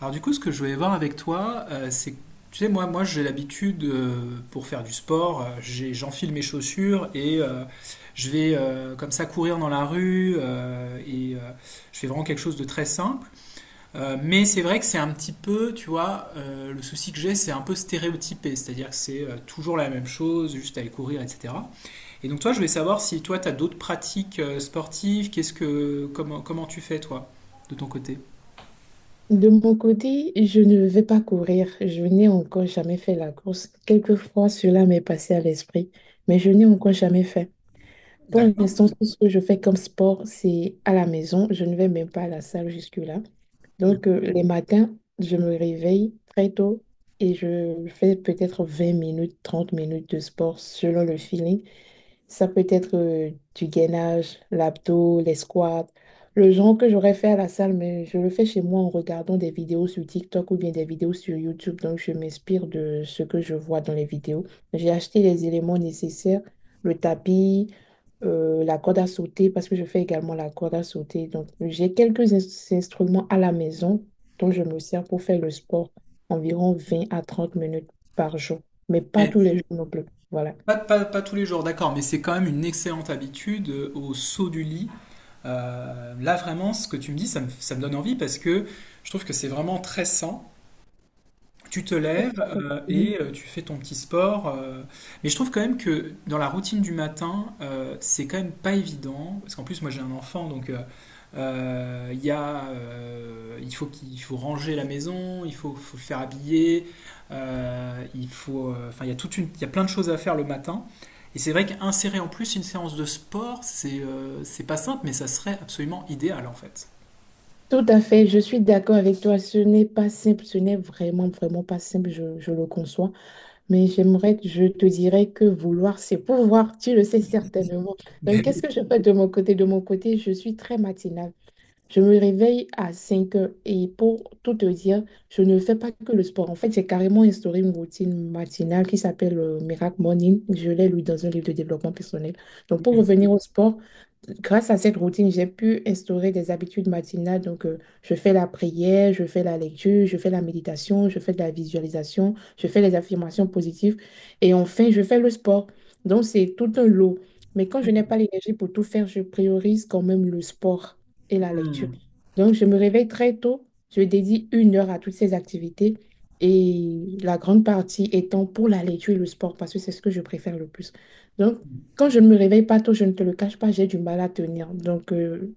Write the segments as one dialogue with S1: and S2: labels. S1: Alors du coup, ce que je voulais voir avec toi, c'est que, tu sais, moi j'ai l'habitude, pour faire du sport, j'enfile mes chaussures et je vais comme ça courir dans la rue et je fais vraiment quelque chose de très simple. Mais c'est vrai que c'est un petit peu, tu vois, le souci que j'ai, c'est un peu stéréotypé, c'est-à-dire que c'est toujours la même chose, juste aller courir, etc. Et donc toi, je voulais savoir si toi, tu as d'autres pratiques sportives, comment tu fais toi, de ton côté?
S2: De mon côté, je ne vais pas courir. Je n'ai encore jamais fait la course. Quelquefois, cela m'est passé à l'esprit, mais je n'ai encore jamais fait. Pour
S1: D'accord.
S2: l'instant, tout ce que je fais comme sport, c'est à la maison. Je ne vais même pas à la salle jusque-là. Donc, les matins, je me réveille très tôt et je fais peut-être 20 minutes, 30 minutes de sport selon le feeling. Ça peut être du gainage, l'abdos, les squats, le genre que j'aurais fait à la salle, mais je le fais chez moi en regardant des vidéos sur TikTok ou bien des vidéos sur YouTube. Donc, je m'inspire de ce que je vois dans les vidéos. J'ai acheté les éléments nécessaires, le tapis, la corde à sauter, parce que je fais également la corde à sauter. Donc, j'ai quelques instruments à la maison dont je me sers pour faire le sport environ 20 à 30 minutes par jour, mais pas tous les jours non plus. Voilà.
S1: Pas tous les jours, d'accord, mais c'est quand même une excellente habitude au saut du lit. Là, vraiment, ce que tu me dis, ça me donne envie parce que je trouve que c'est vraiment très sain. Tu te lèves et tu fais ton petit sport. Mais je trouve quand même que dans la routine du matin, c'est quand même pas évident. Parce qu'en plus, moi j'ai un enfant, donc il faut qu'il il faut ranger la maison, faut le faire habiller, il faut, enfin il y a plein de choses à faire le matin. Et c'est vrai qu'insérer en plus une séance de sport, c'est pas simple, mais ça serait absolument idéal en fait.
S2: Tout à fait, je suis d'accord avec toi. Ce n'est pas simple, ce n'est vraiment, vraiment pas simple, je le conçois. Mais j'aimerais, je te dirais que vouloir, c'est pouvoir, tu le sais certainement.
S1: Mais
S2: Donc, qu'est-ce
S1: oui.
S2: que je fais de mon côté? De mon côté, je suis très matinale. Je me réveille à 5 heures et pour tout te dire, je ne fais pas que le sport. En fait, j'ai carrément instauré une routine matinale qui s'appelle Miracle Morning. Je l'ai lu dans un livre de développement personnel. Donc, pour revenir au sport, grâce à cette routine, j'ai pu instaurer des habitudes matinales. Donc, je fais la prière, je fais la lecture, je fais la méditation, je fais de la visualisation, je fais les affirmations positives et enfin, je fais le sport. Donc, c'est tout un lot. Mais quand je n'ai pas l'énergie pour tout faire, je priorise quand même le sport et la lecture.
S1: Hmm.
S2: Donc, je me réveille très tôt, je dédie 1 heure à toutes ces activités et la grande partie étant pour la lecture et le sport parce que c'est ce que je préfère le plus. Donc, quand je ne me réveille pas tôt, je ne te le cache pas, j'ai du mal à tenir. Donc,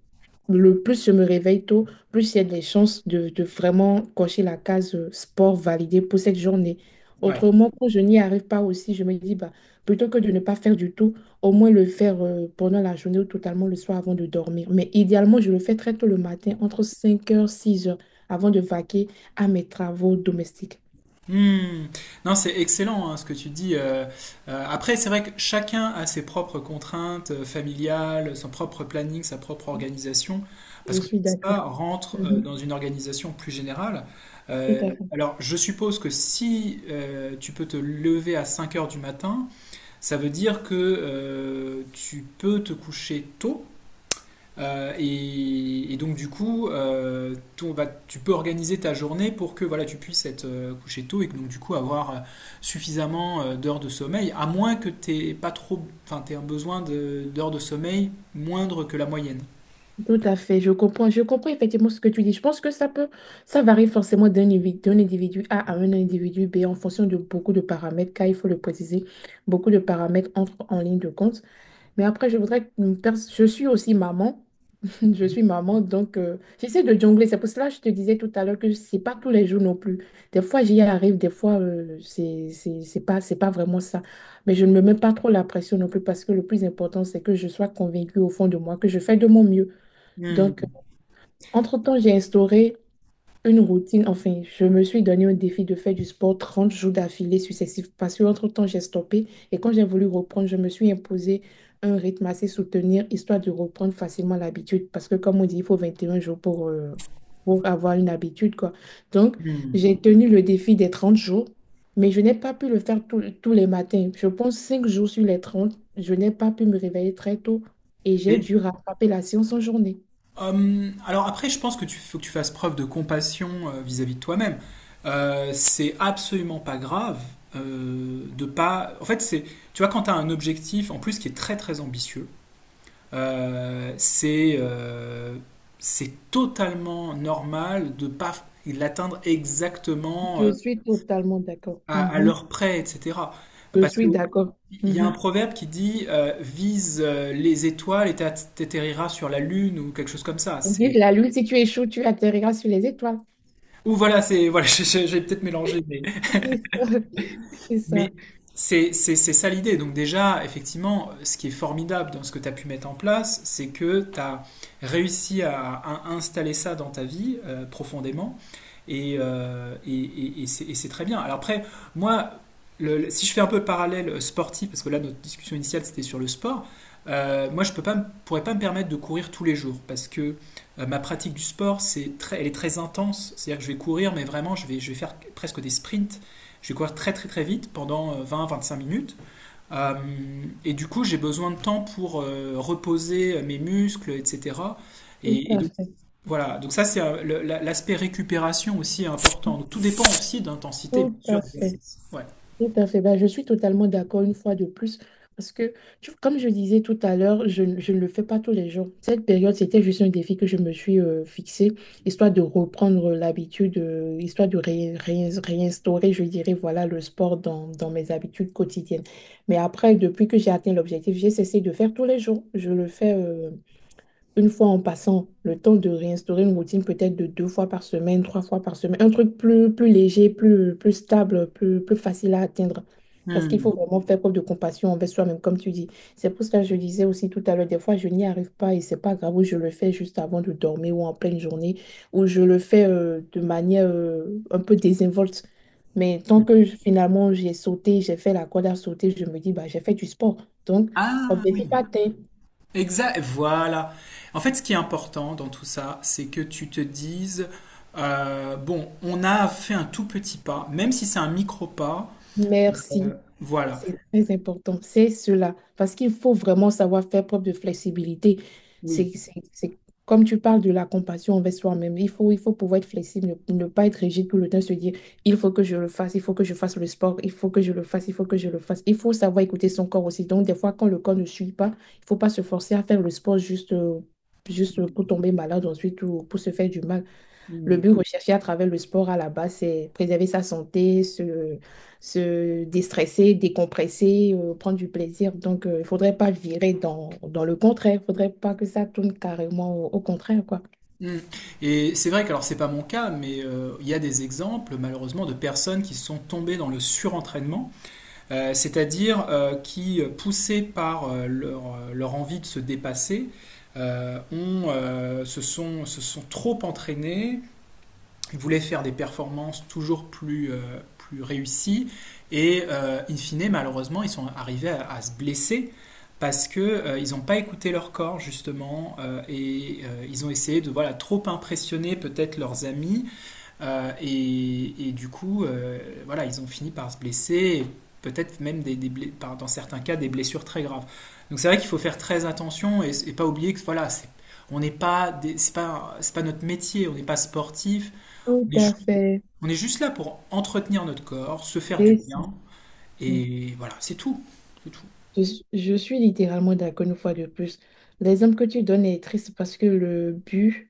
S2: le plus je me réveille tôt, plus il y a des chances de vraiment cocher la case sport validée pour cette journée.
S1: Ouais.
S2: Autrement, quand je n'y arrive pas aussi, je me dis, bah, plutôt que de ne pas faire du tout, au moins le faire pendant la journée ou totalement le soir avant de dormir. Mais idéalement, je le fais très tôt le matin, entre 5 heures 6 heures, avant de vaquer à mes travaux domestiques.
S1: Hmm. Non, c'est excellent hein, ce que tu dis. Après, c'est vrai que chacun a ses propres contraintes familiales, son propre planning, sa propre organisation,
S2: Je
S1: parce que tout
S2: suis
S1: ça
S2: d'accord.
S1: rentre
S2: Mhm.
S1: dans une organisation plus générale.
S2: Tout à
S1: Alors, je suppose que si tu peux te lever à 5 heures du matin, ça veut dire que tu peux te coucher tôt donc du coup, bah, tu peux organiser ta journée pour que voilà, tu puisses être couché tôt et que, donc du coup avoir suffisamment d'heures de sommeil, à moins que t'aies pas trop, enfin t'aies un d'heures de sommeil moindre que la moyenne.
S2: Tout à fait, je comprends effectivement ce que tu dis. Je pense que ça peut, ça varie forcément d'un individu A à un individu B en fonction de beaucoup de paramètres, car il faut le préciser, beaucoup de paramètres entrent en ligne de compte. Mais après, je voudrais, je suis aussi maman, je suis maman, donc j'essaie de jongler. C'est pour cela que je te disais tout à l'heure que c'est pas tous les jours non plus. Des fois, j'y arrive, des fois, c'est pas vraiment ça. Mais je ne me mets pas trop la pression non plus parce que le plus important, c'est que je sois convaincue au fond de moi que je fais de mon mieux.
S1: Hmm,
S2: Donc, entre-temps, j'ai instauré une routine, enfin, je me suis donné un défi de faire du sport 30 jours d'affilée successifs parce que entre-temps, j'ai stoppé et quand j'ai voulu reprendre, je me suis imposé un rythme assez soutenu histoire de reprendre facilement l'habitude parce que comme on dit, il faut 21 jours pour avoir une habitude, quoi. Donc,
S1: hmm.
S2: j'ai tenu le défi des 30 jours, mais je n'ai pas pu le faire tous les matins. Je pense 5 jours sur les 30, je n'ai pas pu me réveiller très tôt et j'ai
S1: Mais,
S2: dû rattraper la séance en journée.
S1: alors après, je pense que tu faut que tu fasses preuve de compassion vis-à-vis de toi-même. C'est absolument pas grave de pas. En fait, c'est tu vois quand t'as un objectif en plus qui est très très ambitieux. Euh, c'est euh, c'est totalement normal de pas l'atteindre exactement
S2: Je suis totalement d'accord.
S1: à
S2: Mhm.
S1: l'heure près, etc.
S2: Je
S1: Parce que
S2: suis d'accord.
S1: il y a un
S2: Mhm.
S1: proverbe qui dit vise les étoiles et t'atterriras sur la lune ou quelque chose comme ça.
S2: On dit
S1: C'est
S2: que la lune, si tu échoues, tu atterriras sur les étoiles.
S1: ou voilà, c'est voilà, j'ai peut-être mélangé,
S2: C'est ça. C'est ça.
S1: mais c'est ça l'idée. Donc déjà, effectivement, ce qui est formidable dans ce que tu as pu mettre en place, c'est que tu as réussi à installer ça dans ta vie profondément. Et c'est très bien. Alors après, moi, si je fais un peu le parallèle sportif, parce que là, notre discussion initiale, c'était sur le sport, moi, je peux pas, pourrais pas me permettre de courir tous les jours, parce que ma pratique du sport, c'est très, elle est très intense. C'est-à-dire que je vais courir, mais vraiment, je vais faire presque des sprints. Je vais courir très très très vite pendant vingt, à vingt-cinq minutes. Euh, et du coup, j'ai besoin de temps pour reposer mes muscles, etc.
S2: Tout
S1: Et, et
S2: à
S1: donc,
S2: fait.
S1: voilà, donc ça c'est l'aspect récupération aussi est important. Donc, tout dépend aussi d'intensité,
S2: Tout
S1: bien sûr,
S2: à fait.
S1: d'exercice. Ouais.
S2: Tout à fait. Ben, je suis totalement d'accord une fois de plus. Parce que, tu- comme je disais tout à l'heure, je ne le fais pas tous les jours. Cette période, c'était juste un défi que je me suis fixé, histoire de reprendre l'habitude, histoire de réinstaurer, je dirais, voilà, le sport dans mes habitudes quotidiennes. Mais après, depuis que j'ai atteint l'objectif, j'ai cessé de faire tous les jours. Je le fais. Une fois en passant, le temps de réinstaurer une routine peut-être de 2 fois par semaine, 3 fois par semaine, un truc plus, plus léger, plus, plus stable, plus, plus facile à atteindre. Parce qu'il faut
S1: Hmm.
S2: vraiment faire preuve de compassion envers soi-même, comme tu dis. C'est pour ça que je disais aussi tout à l'heure, des fois, je n'y arrive pas et c'est pas grave, ou je le fais juste avant de dormir ou en pleine journée, ou je le fais de manière un peu désinvolte. Mais tant que je- finalement j'ai sauté, j'ai fait la corde à sauter, je me dis, bah, j'ai fait du sport. Donc,
S1: Ah oui,
S2: objectif atteint.
S1: exact, voilà. En fait, ce qui est important dans tout ça, c'est que tu te dises, bon, on a fait un tout petit pas, même si c'est un micro pas,
S2: Merci.
S1: voilà.
S2: C'est très important, c'est cela, parce qu'il faut vraiment savoir faire preuve de flexibilité.
S1: Oui.
S2: C'est, c'est, c'est- Comme tu parles de la compassion envers soi-même, il faut pouvoir être flexible, ne pas être rigide tout le temps, se dire, il faut que je le fasse, il faut que je fasse le sport, il faut que je le fasse, il faut que je le fasse. Il faut savoir écouter son corps aussi. Donc, des fois, quand le corps ne suit pas, il ne faut pas se forcer à faire le sport juste, juste pour
S1: Mm,
S2: tomber malade ensuite ou pour se faire du mal. Le but recherché à travers le sport à la base, c'est préserver sa santé, se déstresser, décompresser, prendre du plaisir. Donc, il ne faudrait pas virer dans le contraire. Il ne faudrait pas que ça tourne carrément au contraire, quoi.
S1: mm. Et c'est vrai que, alors, c'est pas mon cas, mais il y a des exemples, malheureusement, de personnes qui sont tombées dans le surentraînement c'est-à-dire qui, poussés par leur, envie de se dépasser, ont, se sont trop entraînés, ils voulaient faire des performances toujours plus, plus réussies, et in fine, malheureusement, ils sont arrivés à se blesser parce que ils n'ont pas écouté leur corps justement et ils ont essayé de voilà trop impressionner peut-être leurs amis du coup, voilà, ils ont fini par se blesser, peut-être même dans certains cas des blessures très graves. Donc c'est vrai qu'il faut faire très attention et pas oublier que voilà, on n'est pas, c'est pas notre métier, on n'est pas sportif,
S2: Tout
S1: on est, ju-
S2: à fait.
S1: on est juste là pour entretenir notre corps, se faire du
S2: C'est ça.
S1: bien, et voilà, c'est tout, c'est tout.
S2: Je suis littéralement d'accord une fois de plus. L'exemple que tu donnes est triste parce que le but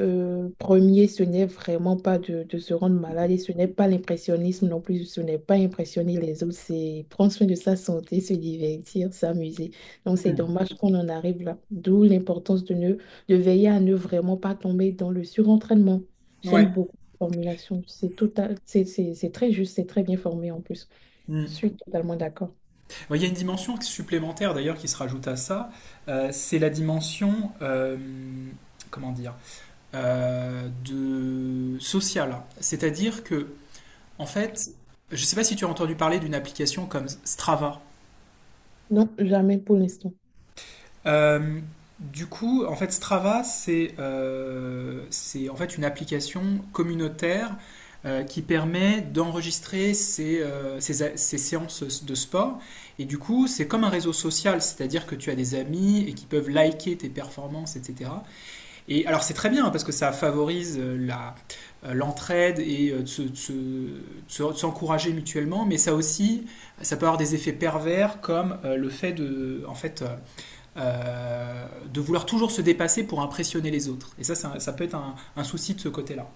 S2: Premier, ce n'est vraiment pas de se rendre malade et ce n'est pas l'impressionnisme non plus, ce n'est pas impressionner les autres, c'est prendre soin de sa santé, se divertir, s'amuser. Donc c'est
S1: Mm.
S2: dommage qu'on en arrive là, d'où l'importance de veiller à ne vraiment pas tomber dans le surentraînement. J'aime
S1: Ouais.
S2: beaucoup la formulation, c'est très juste, c'est très bien formé en plus. Je
S1: Mm.
S2: suis totalement d'accord.
S1: Bon, il y a une dimension supplémentaire d'ailleurs qui se rajoute à ça, c'est la dimension, comment dire? De social. C'est-à-dire que, en fait, je ne sais pas si tu as entendu parler d'une application comme Strava.
S2: Non, jamais pour l'instant.
S1: Euh, du coup, en fait, Strava, c'est en fait une application communautaire qui permet d'enregistrer ses, ses séances de sport. Et du coup, c'est comme un réseau social, c'est-à-dire que tu as des amis et qui peuvent liker tes performances, etc. Et alors c'est très bien hein, parce que ça favorise l'entraide et de s'encourager mutuellement, mais ça aussi, ça peut avoir des effets pervers comme le fait de, en fait, euh, de vouloir toujours se dépasser pour impressionner les autres. Ça peut être un souci de ce côté-là.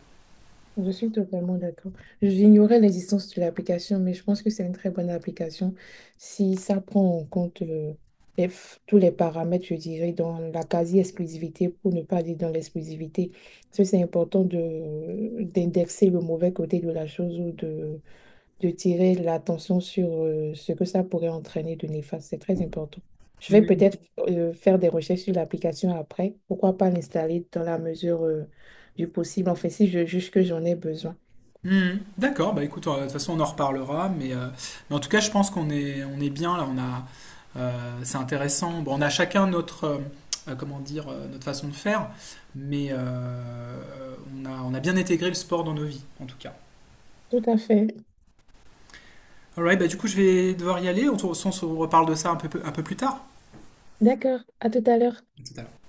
S2: Je suis totalement d'accord. J'ignorais l'existence de l'application, mais je pense que c'est une très bonne application si ça prend en compte tous les paramètres, je dirais, dans la quasi-exclusivité, pour ne pas dire dans l'exclusivité. Parce que c'est important de d'indexer le mauvais côté de la chose ou de tirer l'attention sur ce que ça pourrait entraîner de néfaste. C'est très important. Je vais
S1: Mm.
S2: peut-être faire des recherches sur l'application après. Pourquoi pas l'installer dans la mesure du possible, en fait, si je juge que j'en ai besoin.
S1: Hmm, d'accord, bah écoute, de toute façon on en reparlera, mais en tout cas je pense qu'on est, on est bien là, on a, c'est intéressant. Bon, on a chacun notre, comment dire, notre façon de faire, mais on a bien intégré le sport dans nos vies, en tout cas.
S2: Tout à fait.
S1: Alright, bah du coup je vais devoir y aller, on se reparle de ça un peu plus tard.
S2: D'accord. À tout à l'heure.
S1: À tout à l'heure.